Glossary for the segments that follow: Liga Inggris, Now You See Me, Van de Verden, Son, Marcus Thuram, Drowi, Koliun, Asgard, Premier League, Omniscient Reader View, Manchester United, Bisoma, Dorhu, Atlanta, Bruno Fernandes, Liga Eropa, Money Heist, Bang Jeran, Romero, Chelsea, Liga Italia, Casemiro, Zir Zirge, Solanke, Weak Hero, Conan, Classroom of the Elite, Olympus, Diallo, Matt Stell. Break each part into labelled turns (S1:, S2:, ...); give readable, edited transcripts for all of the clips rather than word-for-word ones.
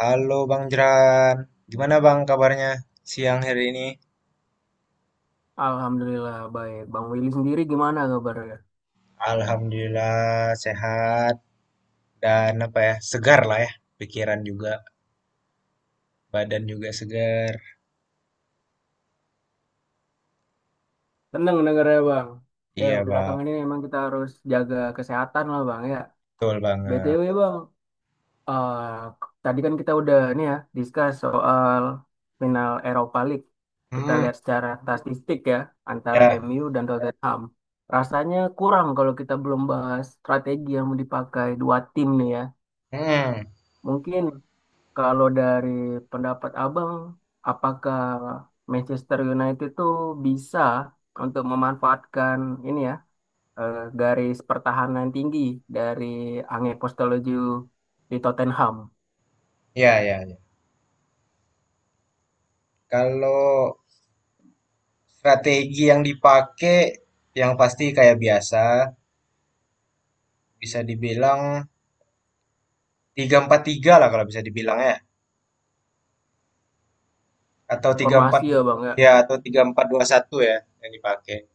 S1: Halo Bang Jeran, gimana Bang kabarnya siang hari ini?
S2: Alhamdulillah baik. Bang Willy sendiri gimana kabarnya?
S1: Alhamdulillah sehat dan apa ya, segar lah ya, pikiran juga, badan juga segar.
S2: Tenang negaranya Bang. Ya
S1: Iya Bang,
S2: belakangan ini emang kita harus jaga kesehatan lah Bang ya.
S1: betul banget.
S2: BTW Bang, eh, tadi kan kita udah nih ya discuss soal final Europa League. Kita
S1: Hmm,
S2: lihat secara statistik ya antara
S1: ya,
S2: MU dan Tottenham. Rasanya kurang kalau kita belum bahas strategi yang mau dipakai dua tim nih ya.
S1: hmm,
S2: Mungkin kalau dari pendapat Abang, apakah Manchester United itu bisa untuk memanfaatkan ini ya garis pertahanan tinggi dari Ange Postecoglou di Tottenham?
S1: ya, ya, ya. Kalau strategi yang dipakai, yang pasti kayak biasa, bisa dibilang tiga empat tiga lah kalau bisa dibilang ya, atau tiga empat,
S2: Formasi ya Bang ya?
S1: ya, atau tiga empat dua satu ya yang dipakai.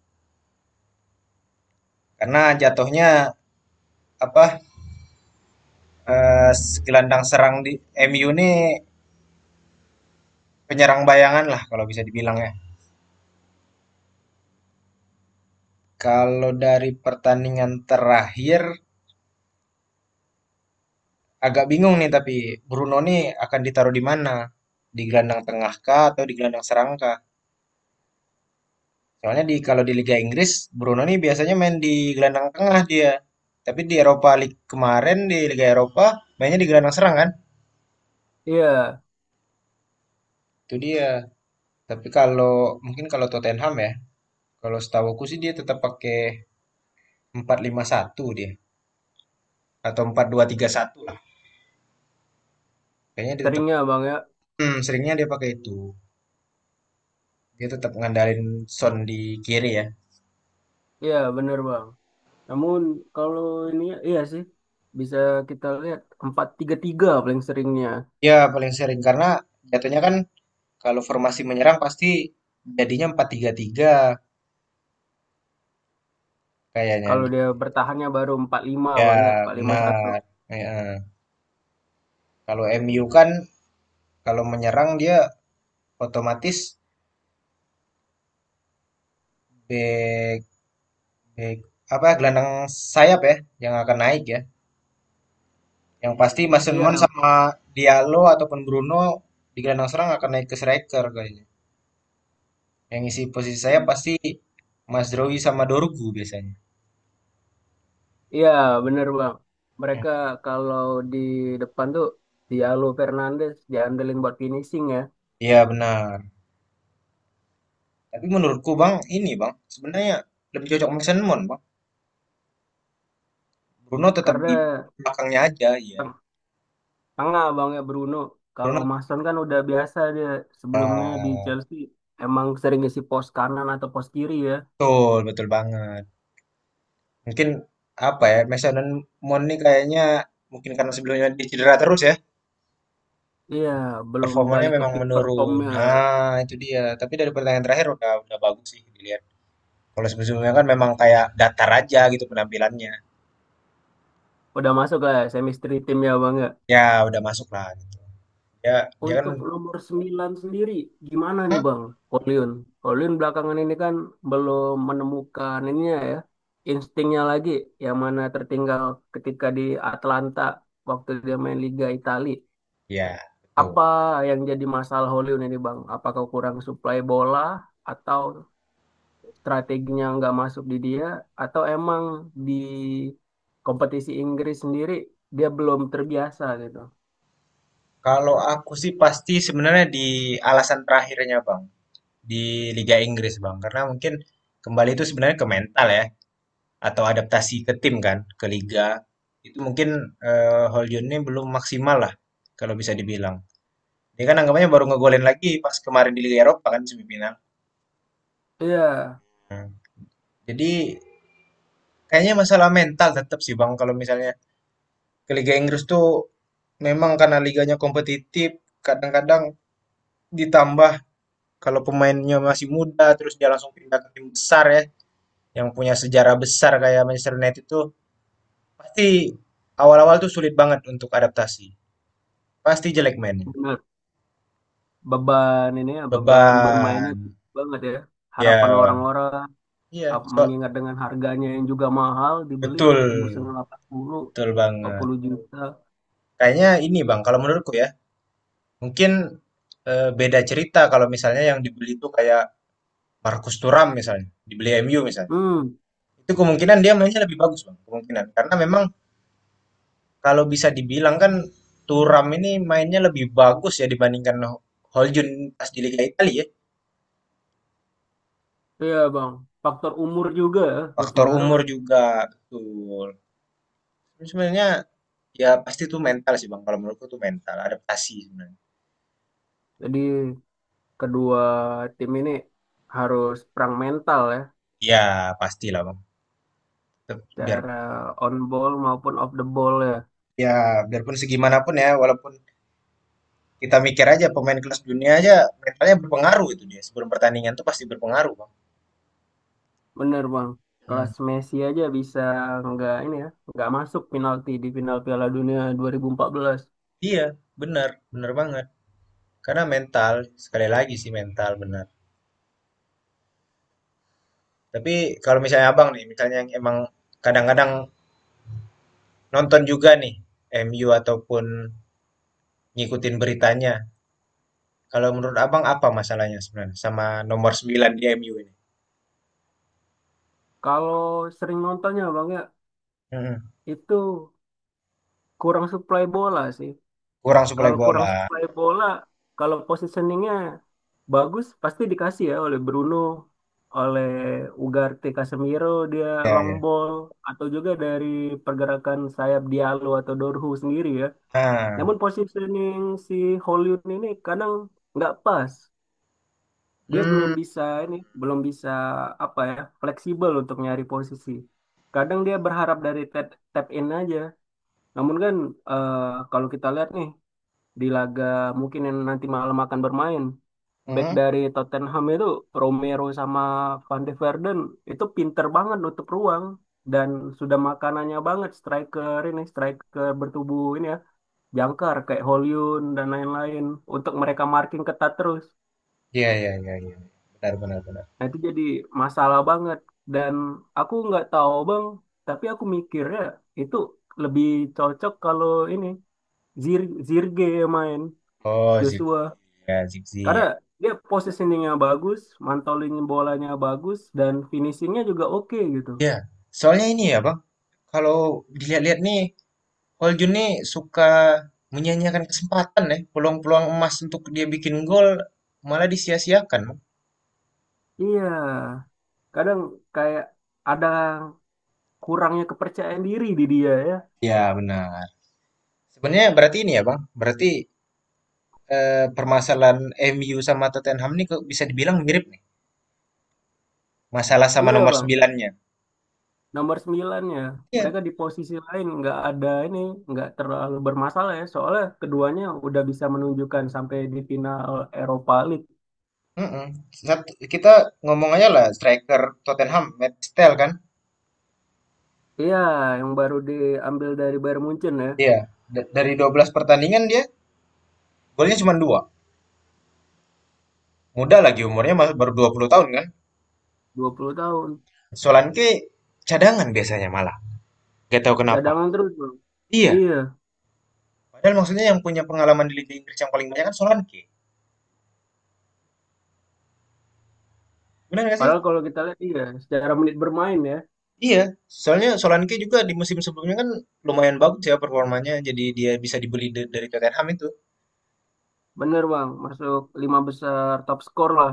S1: Karena jatuhnya apa eh, gelandang serang di MU nih penyerang bayangan lah kalau bisa dibilang ya. Kalau dari pertandingan terakhir agak bingung nih tapi Bruno nih akan ditaruh di mana? Di gelandang tengah kah atau di gelandang serang kah? Soalnya di kalau di Liga Inggris Bruno nih biasanya main di gelandang tengah dia. Tapi di Eropa League kemarin di Liga Eropa mainnya di gelandang serang kan?
S2: Iya,
S1: Itu dia. Tapi kalau mungkin kalau Tottenham ya, kalau setahu aku sih dia tetap pakai empat lima satu dia. Atau empat dua tiga satu lah. Kayaknya dia tetap
S2: seringnya Bang ya.
S1: seringnya dia pakai itu. Dia tetap ngandalin Son di kiri ya.
S2: Iya, bener Bang. Namun kalau ini iya sih bisa kita lihat 4-3-3 paling seringnya.
S1: Ya paling sering karena jatuhnya kan kalau formasi menyerang pasti jadinya empat tiga tiga kayaknya
S2: Kalau
S1: di,
S2: dia bertahannya baru 4-5 Bang ya,
S1: ya
S2: 4-5-1.
S1: benar. Ya, kalau MU kan kalau menyerang dia otomatis back back apa gelandang sayap ya yang akan naik ya. Yang pasti Mason
S2: Iya.
S1: Mount sama Diallo ataupun Bruno di gelandang serang akan naik ke striker kayaknya. Yang isi posisi saya pasti Mas Drowi sama Dorgu biasanya.
S2: Iya, bener Bang.
S1: Hmm.
S2: Mereka kalau di depan tuh Diallo Fernandes diandelin buat finishing ya.
S1: Iya benar. Tapi menurutku Bang, ini Bang, sebenarnya lebih cocok Mason Mount Bang. Bruno tetap di
S2: Karena
S1: belakangnya aja ya.
S2: tengah Bang ya Bruno. Kalau
S1: Bruno
S2: Mason kan udah biasa dia sebelumnya di
S1: ya,
S2: Chelsea emang sering ngisi pos kanan atau pos kiri ya.
S1: betul, betul banget. Mungkin apa ya, Mason Mount ini kayaknya mungkin karena sebelumnya dia cedera terus ya.
S2: Iya, belum
S1: Performanya
S2: balik ke
S1: memang
S2: peak
S1: menurun.
S2: performnya.
S1: Nah, itu dia. Tapi dari pertandingan terakhir udah bagus sih dilihat. Kalau sebelumnya kan memang kayak datar aja gitu penampilannya.
S2: Udah masuk lah semistri timnya Bang ya.
S1: Ya, udah masuk lah gitu. Ya, dia kan.
S2: Untuk nomor 9 sendiri, gimana nih
S1: Hah?
S2: Bang Koliun? Koliun belakangan ini kan belum menemukan ininya ya, instingnya lagi, yang mana tertinggal ketika di Atlanta waktu dia main Liga Italia.
S1: Ya betul.
S2: Apa yang jadi masalah Koliun ini Bang? Apakah kurang suplai bola, atau strateginya nggak masuk di dia, atau emang di kompetisi Inggris sendiri dia belum terbiasa gitu?
S1: Kalau aku sih pasti sebenarnya di alasan terakhirnya, Bang, di Liga Inggris, Bang. Karena mungkin kembali itu sebenarnya ke mental ya atau adaptasi ke tim kan, ke liga. Itu mungkin Hojlund ini belum maksimal lah kalau bisa dibilang. Dia kan anggapannya baru ngegolin lagi pas kemarin di Liga Eropa kan semifinal.
S2: Iya,
S1: Hmm. Jadi kayaknya masalah mental tetap sih Bang kalau misalnya ke Liga Inggris tuh memang karena liganya kompetitif, kadang-kadang ditambah kalau pemainnya masih muda terus dia langsung pindah ke tim besar ya yang punya sejarah besar kayak Manchester United itu pasti awal-awal tuh sulit banget untuk adaptasi. Pasti jelek mainnya.
S2: benar, beban ini ya, beban bermainnya
S1: Beban.
S2: tinggi banget ya, harapan
S1: Ya,
S2: orang-orang,
S1: iya,
S2: mengingat dengan harganya yang juga mahal, dibeli
S1: betul.
S2: ditembus dengan 80
S1: Betul banget.
S2: 40 juta.
S1: Kayaknya ini Bang, kalau menurutku ya, mungkin beda cerita kalau misalnya yang dibeli itu kayak Marcus Thuram misalnya, dibeli MU misalnya.
S2: hmm
S1: Itu kemungkinan dia mainnya lebih bagus, Bang. Kemungkinan. Karena memang kalau bisa dibilang kan Thuram ini mainnya lebih bagus ya dibandingkan Holjun pas di Liga Italia ya.
S2: iya bang, faktor umur juga ya,
S1: Faktor
S2: berpengaruh.
S1: umur juga betul. Tapi sebenarnya ya pasti itu mental sih, Bang. Kalau menurutku itu mental, adaptasi sebenarnya.
S2: Jadi kedua tim ini harus perang mental ya,
S1: Ya, pastilah, Bang. Tetep. Biar
S2: cara on ball maupun off the ball ya.
S1: ya biarpun segimanapun ya, walaupun kita mikir aja pemain kelas dunia aja mentalnya berpengaruh itu dia. Sebelum pertandingan tuh pasti berpengaruh, Bang.
S2: Bener bang,
S1: Hmm.
S2: kelas Messi aja bisa nggak ini ya, nggak masuk penalti di final Piala Dunia 2014.
S1: Iya, benar, benar banget. Karena mental, sekali lagi sih mental benar. Tapi kalau misalnya abang nih, misalnya yang emang kadang-kadang nonton juga nih MU ataupun ngikutin beritanya. Kalau menurut abang apa masalahnya sebenarnya sama nomor 9 di MU ini?
S2: Kalau sering nontonnya Bang ya,
S1: Mm.
S2: itu kurang supply bola sih.
S1: Kurang suplai
S2: Kalau kurang
S1: bola.
S2: supply bola, kalau positioningnya bagus pasti dikasih ya oleh Bruno, oleh Ugarte Casemiro, dia
S1: Ya,
S2: long
S1: ya.
S2: ball atau juga dari pergerakan sayap Diallo atau Dorhu sendiri ya.
S1: Ah.
S2: Namun positioning si Hollywood ini kadang nggak pas. Dia belum
S1: Hmm.
S2: bisa ini, belum bisa apa ya, fleksibel untuk nyari posisi. Kadang dia berharap dari tap in aja. Namun kan eh, kalau kita lihat nih di laga mungkin yang nanti malam akan bermain, back
S1: Hmm.
S2: dari Tottenham itu Romero sama Van de Verden itu pinter banget nutup ruang, dan sudah makanannya banget striker ini, striker bertubuh ini ya, jangkar kayak Hollywood dan lain-lain, untuk mereka marking ketat terus.
S1: Ya, ya, ya, ya. Benar, benar, benar.
S2: Nah, itu jadi masalah banget. Dan aku nggak tahu bang, tapi aku mikirnya itu lebih cocok kalau ini Zir Zirge yang main,
S1: Oh, Zigzi
S2: Joshua.
S1: ya, Zigzi
S2: Karena
S1: ya.
S2: dia positioningnya bagus, mantolin bolanya bagus, dan finishingnya juga oke gitu.
S1: Ya, soalnya ini ya Bang, kalau dilihat-lihat nih, Hol Jun nih suka menyanyiakan kesempatan ya, peluang-peluang emas untuk dia bikin gol malah disia-siakan Bang.
S2: Iya, kadang kayak ada kurangnya kepercayaan diri di dia ya.
S1: Ya benar. Sebenarnya berarti ini ya Bang, berarti permasalahan MU sama Tottenham nih kok bisa dibilang mirip nih, masalah sama
S2: Iya
S1: nomor
S2: bang,
S1: sembilannya.
S2: nomor 9 ya. Mereka
S1: Iya.
S2: di posisi lain nggak ada ini, nggak terlalu bermasalah ya. Soalnya keduanya udah bisa menunjukkan sampai di final Eropa League.
S1: Mm-mm. Sat- Kita ngomong aja lah striker Tottenham, Matt Stell kan?
S2: Iya, yang baru diambil dari Bayern Munchen ya,
S1: Iya, dari 12 pertandingan dia golnya cuma dua. Muda lagi umurnya masih baru 20 tahun kan?
S2: 20 tahun.
S1: Solanke cadangan biasanya malah, gak tahu kenapa.
S2: Cadangan terus.
S1: Iya,
S2: Iya,
S1: padahal maksudnya yang punya pengalaman di Liga Inggris yang paling banyak kan Solanke. Benar gak sih?
S2: padahal kalau kita lihat iya, secara menit bermain ya,
S1: Iya, soalnya Solanke juga di musim sebelumnya kan lumayan bagus ya performanya, jadi dia bisa dibeli dari Tottenham itu.
S2: bener Bang, masuk lima besar top skor lah.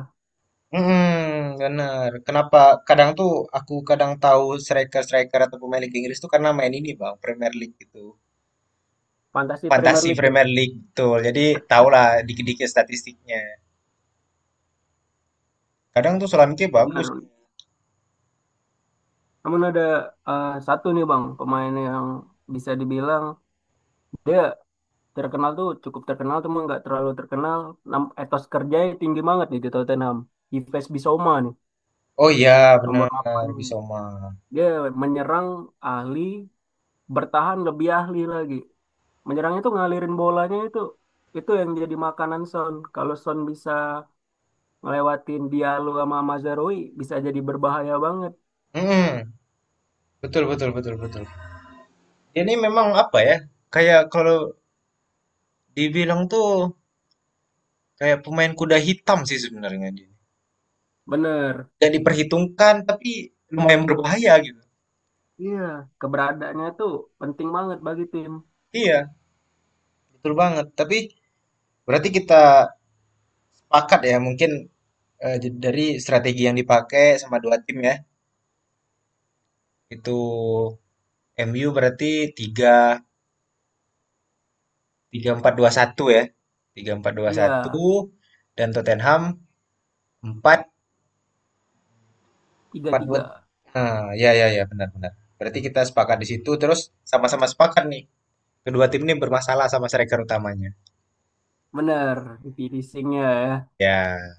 S1: Hmm, benar. Kenapa kadang tuh aku kadang tahu striker-striker atau pemain Liga Inggris tuh karena main ini bang, Premier League gitu.
S2: Fantasi Premier
S1: Fantasi
S2: League tuh.
S1: Premier League tuh, jadi tahulah dikit-dikit statistiknya. Kadang tuh Solanke bagus.
S2: Bener. Namun ada satu nih Bang, pemain yang bisa dibilang dia terkenal, tuh cukup terkenal cuma nggak terlalu terkenal. Etos kerjanya tinggi banget nih di Tottenham, Yves Bissouma nih,
S1: Oh iya,
S2: nomor
S1: benar,
S2: delapan.
S1: Bisoma.
S2: Dia menyerang ahli, bertahan lebih ahli lagi. Menyerangnya tuh ngalirin bolanya, itu yang jadi makanan Son. Kalau Son bisa ngelewatin Diallo sama Mazraoui bisa jadi berbahaya banget.
S1: Mm-mm. Betul, betul, betul, betul. Ini memang apa ya? Kayak kalau dibilang tuh kayak pemain kuda hitam sih sebenarnya dia.
S2: Bener.
S1: Gak diperhitungkan tapi lumayan berbahaya gitu.
S2: Iya, keberadaannya tuh penting banget bagi tim.
S1: Iya, betul banget. Tapi berarti kita sepakat ya mungkin dari strategi yang dipakai sama dua tim ya. Itu MU berarti tiga tiga empat dua satu ya. Tiga empat dua
S2: Iya
S1: satu dan Tottenham empat.
S2: tiga tiga.
S1: Patwood. Ah, ya ya ya benar-benar. Berarti kita sepakat di situ terus sama-sama sepakat nih. Kedua tim ini bermasalah sama striker utamanya.
S2: Bener, finishingnya ya.
S1: Ya,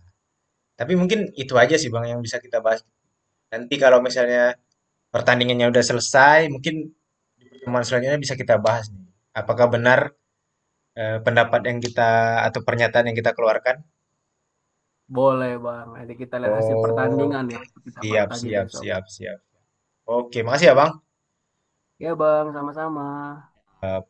S1: tapi mungkin itu aja sih Bang yang bisa kita bahas. Nanti kalau misalnya pertandingannya udah selesai, mungkin di pertemuan selanjutnya bisa kita bahas nih. Apakah benar pendapat yang kita atau pernyataan yang kita keluarkan?
S2: Boleh Bang, nanti kita lihat hasil
S1: Oh,
S2: pertandingan ya. Kita bahas
S1: siap
S2: lagi
S1: siap
S2: besok.
S1: siap siap. Oke, makasih ya Bang.
S2: Ya Bang, sama-sama.
S1: Eh,